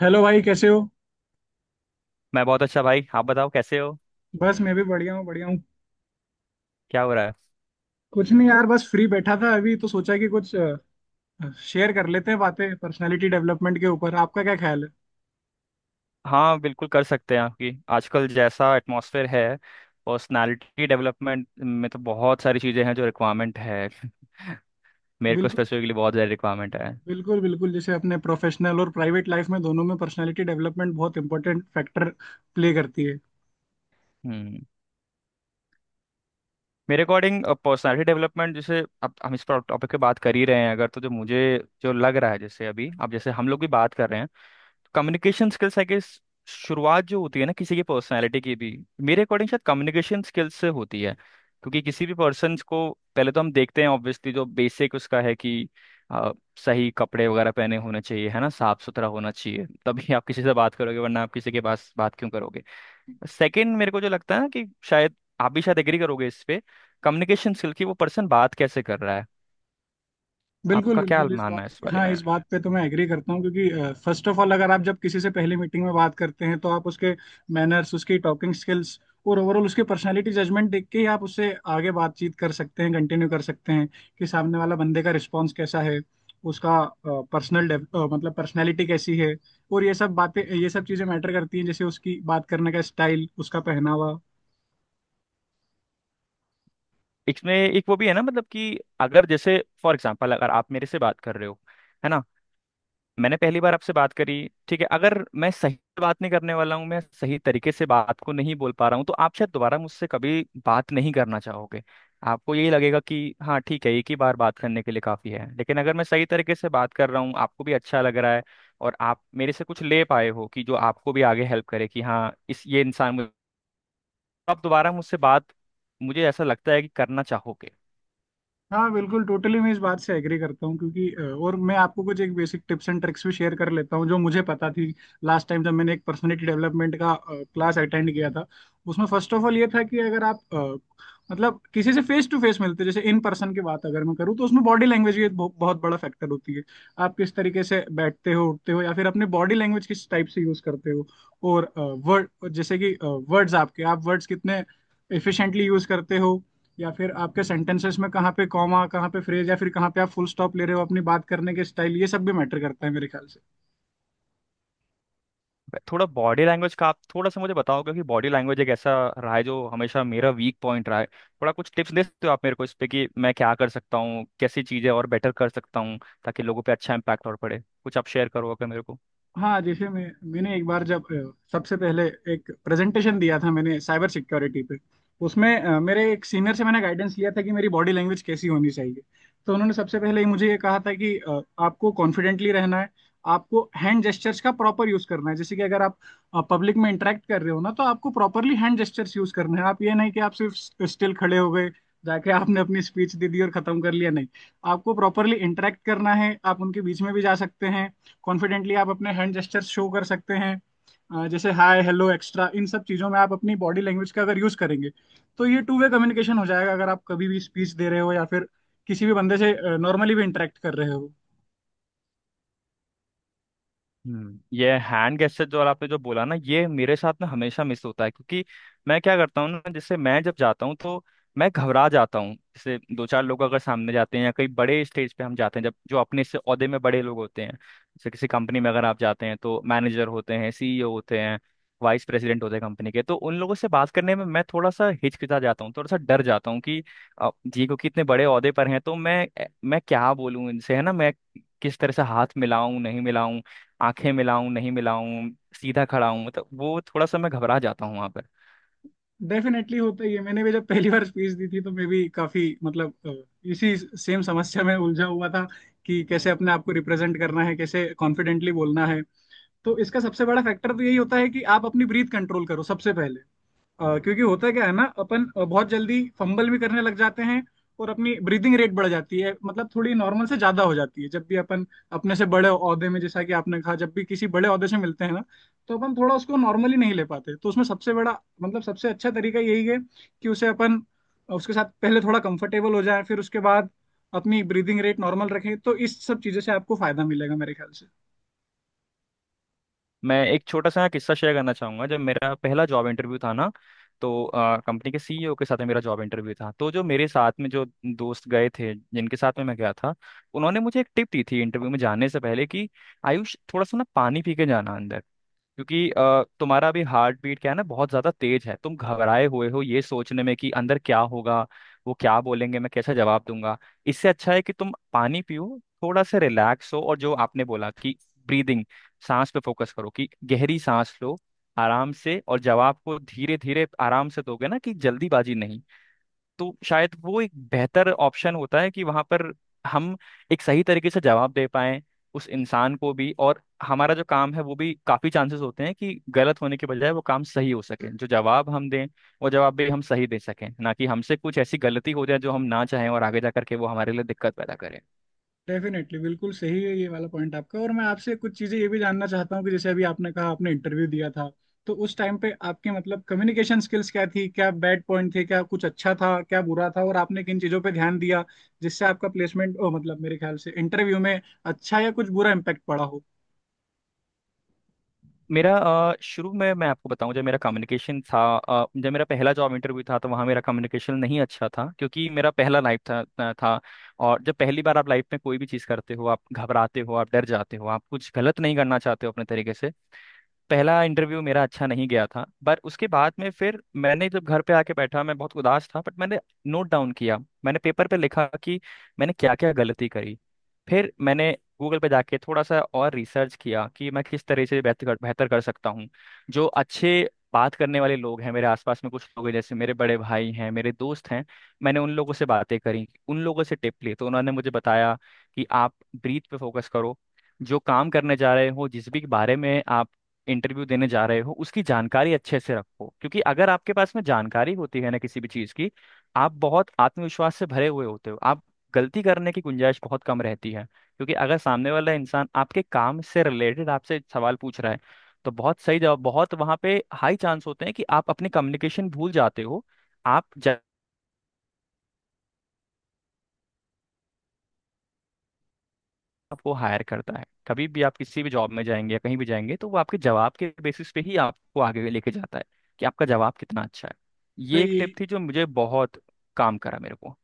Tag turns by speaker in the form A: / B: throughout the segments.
A: Hello भाई, कैसे हो।
B: मैं बहुत अच्छा भाई। आप बताओ कैसे हो।
A: बस मैं भी बढ़िया हूँ।
B: क्या हो रहा है?
A: कुछ नहीं यार, बस फ्री बैठा था अभी, तो सोचा कि कुछ शेयर कर लेते हैं बातें पर्सनालिटी डेवलपमेंट के ऊपर। आपका क्या ख्याल है।
B: हाँ, बिल्कुल कर सकते हैं। आपकी आजकल जैसा एटमॉस्फेयर है, पर्सनालिटी डेवलपमेंट में तो बहुत सारी चीज़ें हैं जो रिक्वायरमेंट है। मेरे को
A: बिल्कुल
B: स्पेसिफिकली बहुत ज़्यादा रिक्वायरमेंट है।
A: बिल्कुल बिल्कुल जैसे अपने प्रोफेशनल और प्राइवेट लाइफ में, दोनों में पर्सनालिटी डेवलपमेंट बहुत इंपॉर्टेंट फैक्टर प्ले करती है।
B: हम्म। मेरे अकॉर्डिंग पर्सनालिटी डेवलपमेंट, जैसे अब हम इस टॉपिक पे बात कर ही रहे हैं, अगर तो जो मुझे, जो लग रहा है, जैसे अभी अब जैसे हम लोग भी बात कर रहे हैं, कम्युनिकेशन स्किल्स है कि शुरुआत जो होती है ना किसी की पर्सनालिटी की भी, मेरे अकॉर्डिंग शायद कम्युनिकेशन स्किल्स से होती है। क्योंकि किसी भी पर्सन को पहले तो हम देखते हैं, ऑब्वियसली जो बेसिक उसका है कि अ, सही कपड़े वगैरह पहने होने चाहिए, है ना। साफ सुथरा होना चाहिए, तभी आप किसी से बात करोगे, वरना आप किसी के पास बात क्यों करोगे। सेकंड, मेरे को जो लगता है ना कि शायद आप भी शायद एग्री करोगे इस पे, कम्युनिकेशन स्किल की वो पर्सन बात कैसे कर रहा है।
A: बिल्कुल
B: आपका क्या
A: बिल्कुल इस बात,
B: मानना है इस बारे
A: हाँ,
B: में?
A: इस बात पे तो मैं एग्री करता हूँ, क्योंकि फर्स्ट ऑफ ऑल अगर आप जब किसी से पहली मीटिंग में बात करते हैं, तो आप उसके मैनर्स, उसकी टॉकिंग स्किल्स, और ओवरऑल उसकी पर्सनालिटी जजमेंट देख के ही आप उससे आगे बातचीत कर सकते हैं, कंटिन्यू कर सकते हैं। कि सामने वाला बंदे का रिस्पॉन्स कैसा है, उसका पर्सनल, मतलब पर्सनैलिटी कैसी है। और ये सब बातें, ये सब चीज़ें मैटर करती हैं, जैसे उसकी बात करने का स्टाइल, उसका पहनावा।
B: इसमें एक वो भी है ना, मतलब कि अगर जैसे फॉर एग्जांपल अगर आप मेरे से बात कर रहे हो, है ना, मैंने पहली बार आपसे बात करी, ठीक है, अगर मैं सही से बात नहीं करने वाला हूँ, मैं सही तरीके से बात को नहीं बोल पा रहा हूँ, तो आप शायद दोबारा मुझसे कभी बात नहीं करना चाहोगे। आपको यही लगेगा कि हाँ ठीक है, एक ही बार बात करने के लिए काफ़ी है। लेकिन अगर मैं सही तरीके से बात कर रहा हूँ, आपको भी अच्छा लग रहा है, और आप मेरे से कुछ ले पाए हो कि जो आपको भी आगे हेल्प करे, कि हाँ इस ये इंसान मुझे, आप दोबारा मुझसे बात, मुझे ऐसा लगता है कि, करना चाहोगे।
A: हाँ बिल्कुल, टोटली मैं इस बात से एग्री करता हूँ, क्योंकि और मैं आपको कुछ एक बेसिक टिप्स एंड ट्रिक्स भी शेयर कर लेता हूँ जो मुझे पता थी। लास्ट टाइम जब मैंने एक पर्सनालिटी डेवलपमेंट का क्लास अटेंड किया था, उसमें फर्स्ट ऑफ ऑल ये था कि अगर आप मतलब किसी से फेस टू फेस मिलते, जैसे इन पर्सन की बात अगर मैं करूँ, तो उसमें बॉडी लैंग्वेज भी एक बहुत बड़ा फैक्टर होती है। आप किस तरीके से बैठते हो, उठते हो, या फिर अपने बॉडी लैंग्वेज किस टाइप से यूज करते हो। और वर्ड, जैसे कि वर्ड्स आपके आप वर्ड्स कितने एफिशिएंटली यूज करते हो, या फिर आपके सेंटेंसेस में कहाँ पे कॉमा, कहाँ पे फ्रेज, या फिर कहाँ पे आप फुल स्टॉप ले रहे हो अपनी बात करने के स्टाइल, ये सब भी मैटर करता है मेरे ख्याल से।
B: थोड़ा बॉडी लैंग्वेज का आप थोड़ा सा मुझे बताओ, क्योंकि बॉडी लैंग्वेज एक ऐसा रहा है जो हमेशा मेरा वीक पॉइंट रहा है। थोड़ा कुछ टिप्स दे सकते हो आप मेरे को इस पे कि मैं क्या कर सकता हूँ, कैसी चीजें और बेटर कर सकता हूँ, ताकि लोगों पे अच्छा इम्पैक्ट और पड़े। कुछ आप शेयर करो अगर मेरे को।
A: हाँ, जैसे मैंने एक बार जब सबसे पहले एक प्रेजेंटेशन दिया था, मैंने साइबर सिक्योरिटी पे, उसमें मेरे एक सीनियर से मैंने गाइडेंस लिया था कि मेरी बॉडी लैंग्वेज कैसी होनी चाहिए। तो उन्होंने सबसे पहले ही मुझे ये कहा था कि आपको कॉन्फिडेंटली रहना है, आपको हैंड जेस्चर्स का प्रॉपर यूज करना है। जैसे कि अगर आप पब्लिक में इंटरेक्ट कर रहे हो ना, तो आपको प्रॉपरली हैंड जेस्चर्स यूज करना है। आप ये नहीं कि आप सिर्फ स्टिल खड़े हो गए, जाके आपने अपनी स्पीच दे दी और खत्म कर लिया, नहीं। आपको प्रॉपरली इंटरेक्ट करना है, आप उनके बीच में भी जा सकते हैं, कॉन्फिडेंटली आप अपने हैंड जेस्चर्स शो कर सकते हैं। जैसे हाय हेलो एक्स्ट्रा, इन सब चीज़ों में आप अपनी बॉडी लैंग्वेज का अगर यूज करेंगे, तो ये टू वे कम्युनिकेशन हो जाएगा, अगर आप कभी भी स्पीच दे रहे हो, या फिर किसी भी बंदे से नॉर्मली भी इंटरेक्ट कर रहे हो।
B: हम्म। ये हैंड गेस्चर जो और आपने जो बोला ना, ये मेरे साथ में हमेशा मिस होता है। क्योंकि मैं क्या करता हूँ ना, जैसे मैं जब जाता हूँ तो मैं घबरा जाता हूँ। जैसे दो चार लोग अगर सामने जाते हैं या कहीं बड़े स्टेज पे हम जाते हैं, जब जो अपने से ओहदे में बड़े लोग होते हैं, जैसे किसी कंपनी में अगर आप जाते हैं तो मैनेजर होते हैं, सीईओ होते हैं, वाइस प्रेसिडेंट होते हैं कंपनी के, तो उन लोगों से बात करने में मैं थोड़ा सा हिचकिचा जाता हूँ, थोड़ा सा डर जाता हूँ, कि जी क्योंकि इतने बड़े ओहदे पर हैं, तो मैं क्या बोलूँ इनसे, है ना, मैं किस तरह से हाथ मिलाऊं नहीं मिलाऊं, आंखें मिलाऊं नहीं मिलाऊं, सीधा खड़ा हूं, मतलब वो थोड़ा सा मैं घबरा जाता हूँ वहां पर।
A: डेफिनेटली होता ही है, मैंने भी जब पहली बार स्पीच दी थी, तो मैं भी काफी, मतलब इसी सेम समस्या में उलझा हुआ था कि कैसे अपने आप को रिप्रेजेंट करना है, कैसे कॉन्फिडेंटली बोलना है। तो इसका सबसे बड़ा फैक्टर तो यही होता है कि आप अपनी ब्रीथ कंट्रोल करो सबसे पहले। क्योंकि होता क्या है ना, अपन बहुत जल्दी फंबल भी करने लग जाते हैं, और अपनी ब्रीदिंग रेट बढ़ जाती है, मतलब थोड़ी नॉर्मल से ज्यादा हो जाती है जब भी अपन अपने से बड़े ओहदे में, जैसा कि आपने कहा, जब भी किसी बड़े ओहदे से मिलते हैं ना, तो अपन थोड़ा उसको नॉर्मली नहीं ले पाते। तो उसमें सबसे बड़ा, मतलब सबसे अच्छा तरीका यही है कि उसे अपन, उसके साथ पहले थोड़ा कंफर्टेबल हो जाए, फिर उसके बाद अपनी ब्रीदिंग रेट नॉर्मल रखें, तो इस सब चीज़ों से आपको फायदा मिलेगा मेरे ख्याल से।
B: मैं एक छोटा सा किस्सा शेयर करना चाहूंगा। जब मेरा पहला जॉब इंटरव्यू था ना, तो कंपनी के सीईओ के साथ में मेरा जॉब इंटरव्यू था। तो जो मेरे साथ में जो दोस्त गए थे, जिनके साथ में मैं गया था, उन्होंने मुझे एक टिप दी थी इंटरव्यू में जाने से पहले कि आयुष, थोड़ा सा ना पानी पी के जाना अंदर। क्योंकि तुम्हारा भी हार्ट बीट क्या है ना, बहुत ज्यादा तेज है, तुम घबराए हुए हो ये सोचने में कि अंदर क्या होगा, वो क्या बोलेंगे, मैं कैसा जवाब दूंगा। इससे अच्छा है कि तुम पानी पियो, थोड़ा सा रिलैक्स हो। और जो आपने बोला कि ब्रीदिंग, सांस पे फोकस करो, कि गहरी सांस लो, आराम से, और जवाब को धीरे धीरे आराम से दोगे, ना कि जल्दीबाजी नहीं। तो शायद वो एक बेहतर ऑप्शन होता है कि वहां पर हम एक सही तरीके से जवाब दे पाएं, उस इंसान को भी। और हमारा जो काम है वो भी, काफी चांसेस होते हैं कि गलत होने के बजाय वो काम सही हो सके, जो जवाब हम दें वो जवाब भी हम सही दे सकें, ना कि हमसे कुछ ऐसी गलती हो जाए जो हम ना चाहें और आगे जा करके वो हमारे लिए दिक्कत पैदा करे।
A: डेफिनेटली, बिल्कुल सही है ये वाला पॉइंट आपका। और मैं आपसे कुछ चीजें ये भी जानना चाहता हूँ कि जैसे अभी आपने कहा, आपने इंटरव्यू दिया था, तो उस टाइम पे आपके, मतलब कम्युनिकेशन स्किल्स क्या थी, क्या बैड पॉइंट थे, क्या कुछ अच्छा था, क्या बुरा था, और आपने किन चीजों पे ध्यान दिया जिससे आपका प्लेसमेंट ओ, मतलब मेरे ख्याल से इंटरव्यू में अच्छा या कुछ बुरा इम्पैक्ट पड़ा हो।
B: मेरा शुरू में मैं आपको बताऊं, जब मेरा कम्युनिकेशन था, जब मेरा पहला जॉब इंटरव्यू था, तो वहाँ मेरा कम्युनिकेशन नहीं अच्छा था। क्योंकि मेरा पहला लाइफ था। और जब पहली बार आप लाइफ में कोई भी चीज़ करते हो, आप घबराते हो, आप डर जाते हो, आप कुछ गलत नहीं करना चाहते हो अपने तरीके से। पहला इंटरव्यू मेरा अच्छा नहीं गया था, पर उसके बाद में फिर मैंने, जब घर पे आके बैठा, मैं बहुत उदास था, बट मैंने नोट डाउन किया। मैंने पेपर पे लिखा कि मैंने क्या क्या गलती करी। फिर मैंने गूगल पे जाके थोड़ा सा और रिसर्च किया कि मैं किस तरह से बेहतर बेहतर कर सकता हूँ। जो अच्छे बात करने वाले लोग हैं, मेरे आसपास में कुछ लोग हैं, जैसे मेरे बड़े भाई हैं, मेरे दोस्त हैं, मैंने उन लोगों से बातें करी, उन लोगों से टिप ली, तो उन्होंने मुझे बताया कि आप ब्रीथ पे फोकस करो, जो काम करने जा रहे हो, जिस भी बारे में आप इंटरव्यू देने जा रहे हो, उसकी जानकारी अच्छे से रखो। क्योंकि अगर आपके पास में जानकारी होती है ना किसी भी चीज़ की, आप बहुत आत्मविश्वास से भरे हुए होते हो, आप गलती करने की गुंजाइश बहुत कम रहती है। क्योंकि अगर सामने वाला इंसान आपके काम से रिलेटेड आपसे सवाल पूछ रहा है, तो बहुत सही जवाब, बहुत वहाँ पे हाई चांस होते हैं कि आप अपनी कम्युनिकेशन भूल जाते हो। आप आपको हायर करता है, कभी भी आप किसी भी जॉब में जाएंगे या कहीं भी जाएंगे, तो वो आपके जवाब के बेसिस पे ही आपको आगे लेके जाता है, कि आपका जवाब कितना अच्छा है।
A: तो
B: ये एक
A: ये,
B: टिप थी जो मुझे बहुत काम करा मेरे को।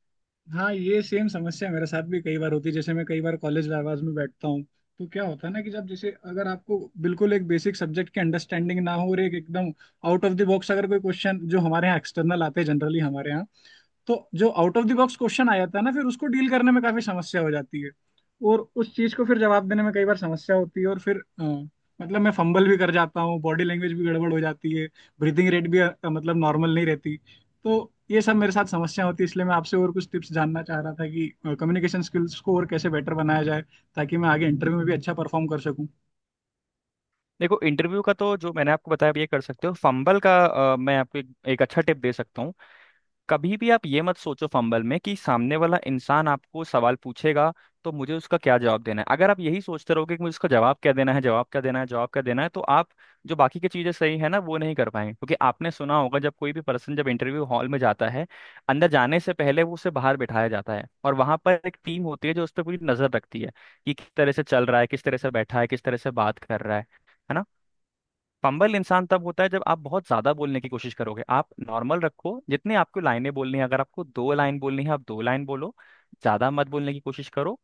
A: हाँ, ये सेम समस्या मेरे साथ भी कई बार होती है। जैसे मैं कई बार कॉलेज आवाज में बैठता हूँ, तो क्या होता है ना, कि जब जैसे अगर आपको बिल्कुल एक बेसिक सब्जेक्ट की अंडरस्टैंडिंग ना हो, और एक एकदम आउट ऑफ द बॉक्स अगर कोई क्वेश्चन, जो हमारे यहाँ एक्सटर्नल आते हैं जनरली हमारे यहाँ, तो जो out of the box question आ जाता है ना, फिर उसको डील करने में काफी समस्या हो जाती है, और उस चीज को फिर जवाब देने में कई बार समस्या होती है। और फिर मतलब मैं फंबल भी कर जाता हूँ, बॉडी लैंग्वेज भी गड़बड़ हो जाती है, ब्रीथिंग रेट भी मतलब नॉर्मल नहीं रहती। तो ये सब मेरे साथ समस्या होती है, इसलिए मैं आपसे और कुछ टिप्स जानना चाह रहा था कि कम्युनिकेशन स्किल्स को और कैसे बेटर बनाया जाए, ताकि मैं आगे इंटरव्यू में भी अच्छा परफॉर्म कर
B: देखो, इंटरव्यू का तो जो मैंने आपको बताया आप ये कर सकते हो। फंबल का मैं आपको एक अच्छा टिप दे सकता हूँ। कभी भी आप ये मत सोचो फंबल में कि सामने वाला इंसान आपको सवाल पूछेगा, तो मुझे उसका क्या जवाब देना है। अगर आप यही सोचते रहोगे कि मुझे उसका जवाब क्या देना है, जवाब क्या देना है, जवाब क्या देना है, तो आप जो बाकी की चीजें सही है ना वो नहीं कर पाएंगे। क्योंकि आपने सुना होगा, जब कोई भी पर्सन जब इंटरव्यू हॉल में जाता है, अंदर जाने से पहले वो उसे बाहर बिठाया जाता है, और वहां पर एक टीम होती है जो उस पर पूरी नजर रखती है, कि किस तरह से चल रहा है, किस तरह से बैठा है, किस तरह से बात कर रहा है ना। पंबल इंसान तब होता है जब आप बहुत ज्यादा बोलने की कोशिश करोगे। आप नॉर्मल रखो, जितने आपको लाइनें बोलनी है, अगर आपको दो लाइन बोलनी है आप दो लाइन बोलो, ज्यादा मत बोलने की कोशिश करो।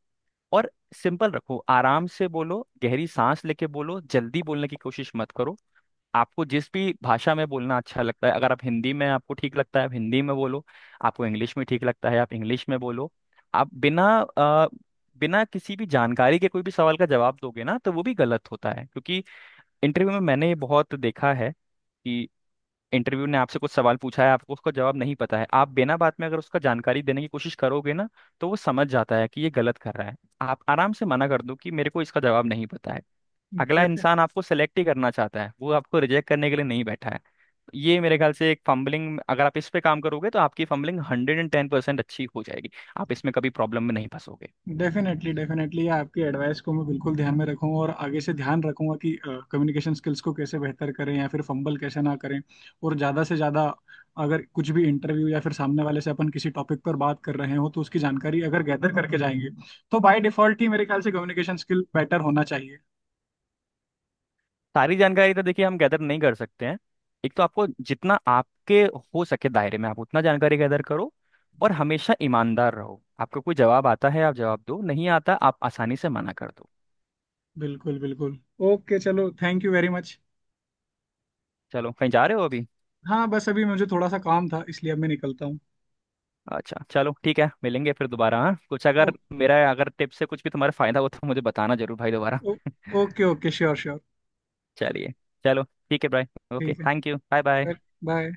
B: और सिंपल रखो, आराम से बोलो, गहरी सांस लेके बोलो, जल्दी बोलने की कोशिश मत करो। आपको जिस भी भाषा में बोलना अच्छा लगता है, अगर आप हिंदी में, आपको ठीक लगता है आप हिंदी में बोलो, आपको इंग्लिश में ठीक लगता है आप इंग्लिश में बोलो। आप बिना बिना किसी भी जानकारी के कोई भी सवाल का जवाब दोगे ना, तो वो भी गलत होता है। क्योंकि इंटरव्यू में मैंने ये बहुत देखा है कि इंटरव्यू ने आपसे कुछ सवाल पूछा है, आपको उसका जवाब नहीं पता है, आप बिना बात में अगर उसका जानकारी देने की कोशिश करोगे ना, तो वो समझ जाता है कि ये गलत कर रहा है। आप आराम से मना कर दो कि मेरे को इसका जवाब नहीं पता है। अगला
A: सकूँ।
B: इंसान आपको सेलेक्ट ही करना चाहता है, वो आपको रिजेक्ट करने के लिए नहीं बैठा है। ये मेरे ख्याल से एक फंबलिंग, अगर आप इस पे काम करोगे, तो आपकी फंबलिंग 110% अच्छी हो जाएगी। आप इसमें कभी प्रॉब्लम में नहीं फंसोगे।
A: डेफिनेटली डेफिनेटली आपकी एडवाइस को मैं बिल्कुल ध्यान में रखूंगा, और आगे से ध्यान रखूंगा कि कम्युनिकेशन स्किल्स को कैसे बेहतर करें, या फिर फंबल कैसे ना करें। और ज़्यादा से ज़्यादा, अगर कुछ भी इंटरव्यू या फिर सामने वाले से अपन किसी टॉपिक पर बात कर रहे हो, तो उसकी जानकारी अगर गैदर करके जाएंगे, तो बाय डिफॉल्ट ही मेरे ख्याल से कम्युनिकेशन स्किल बेटर होना चाहिए।
B: सारी जानकारी तो देखिए हम गैदर नहीं कर सकते हैं। एक तो आपको जितना आपके हो सके दायरे में आप उतना जानकारी गैदर करो, और हमेशा ईमानदार रहो। आपको कोई जवाब आता है आप जवाब दो, नहीं आता आप आसानी से मना कर दो।
A: बिल्कुल बिल्कुल। ओके, चलो, थैंक यू वेरी मच।
B: चलो, कहीं जा रहे हो अभी?
A: हाँ, बस अभी मुझे थोड़ा सा काम था, इसलिए अब मैं निकलता हूँ।
B: अच्छा चलो ठीक है, मिलेंगे फिर दोबारा। हाँ, कुछ अगर
A: ओ,
B: मेरा, अगर टिप से कुछ भी तुम्हारा फायदा हो तो मुझे बताना जरूर भाई, दोबारा।
A: ओ, ओके ओके, श्योर श्योर।
B: चलिए। चलो। ठीक है भाई। ओके
A: ठीक
B: थैंक यू, बाय बाय।
A: है, बाय।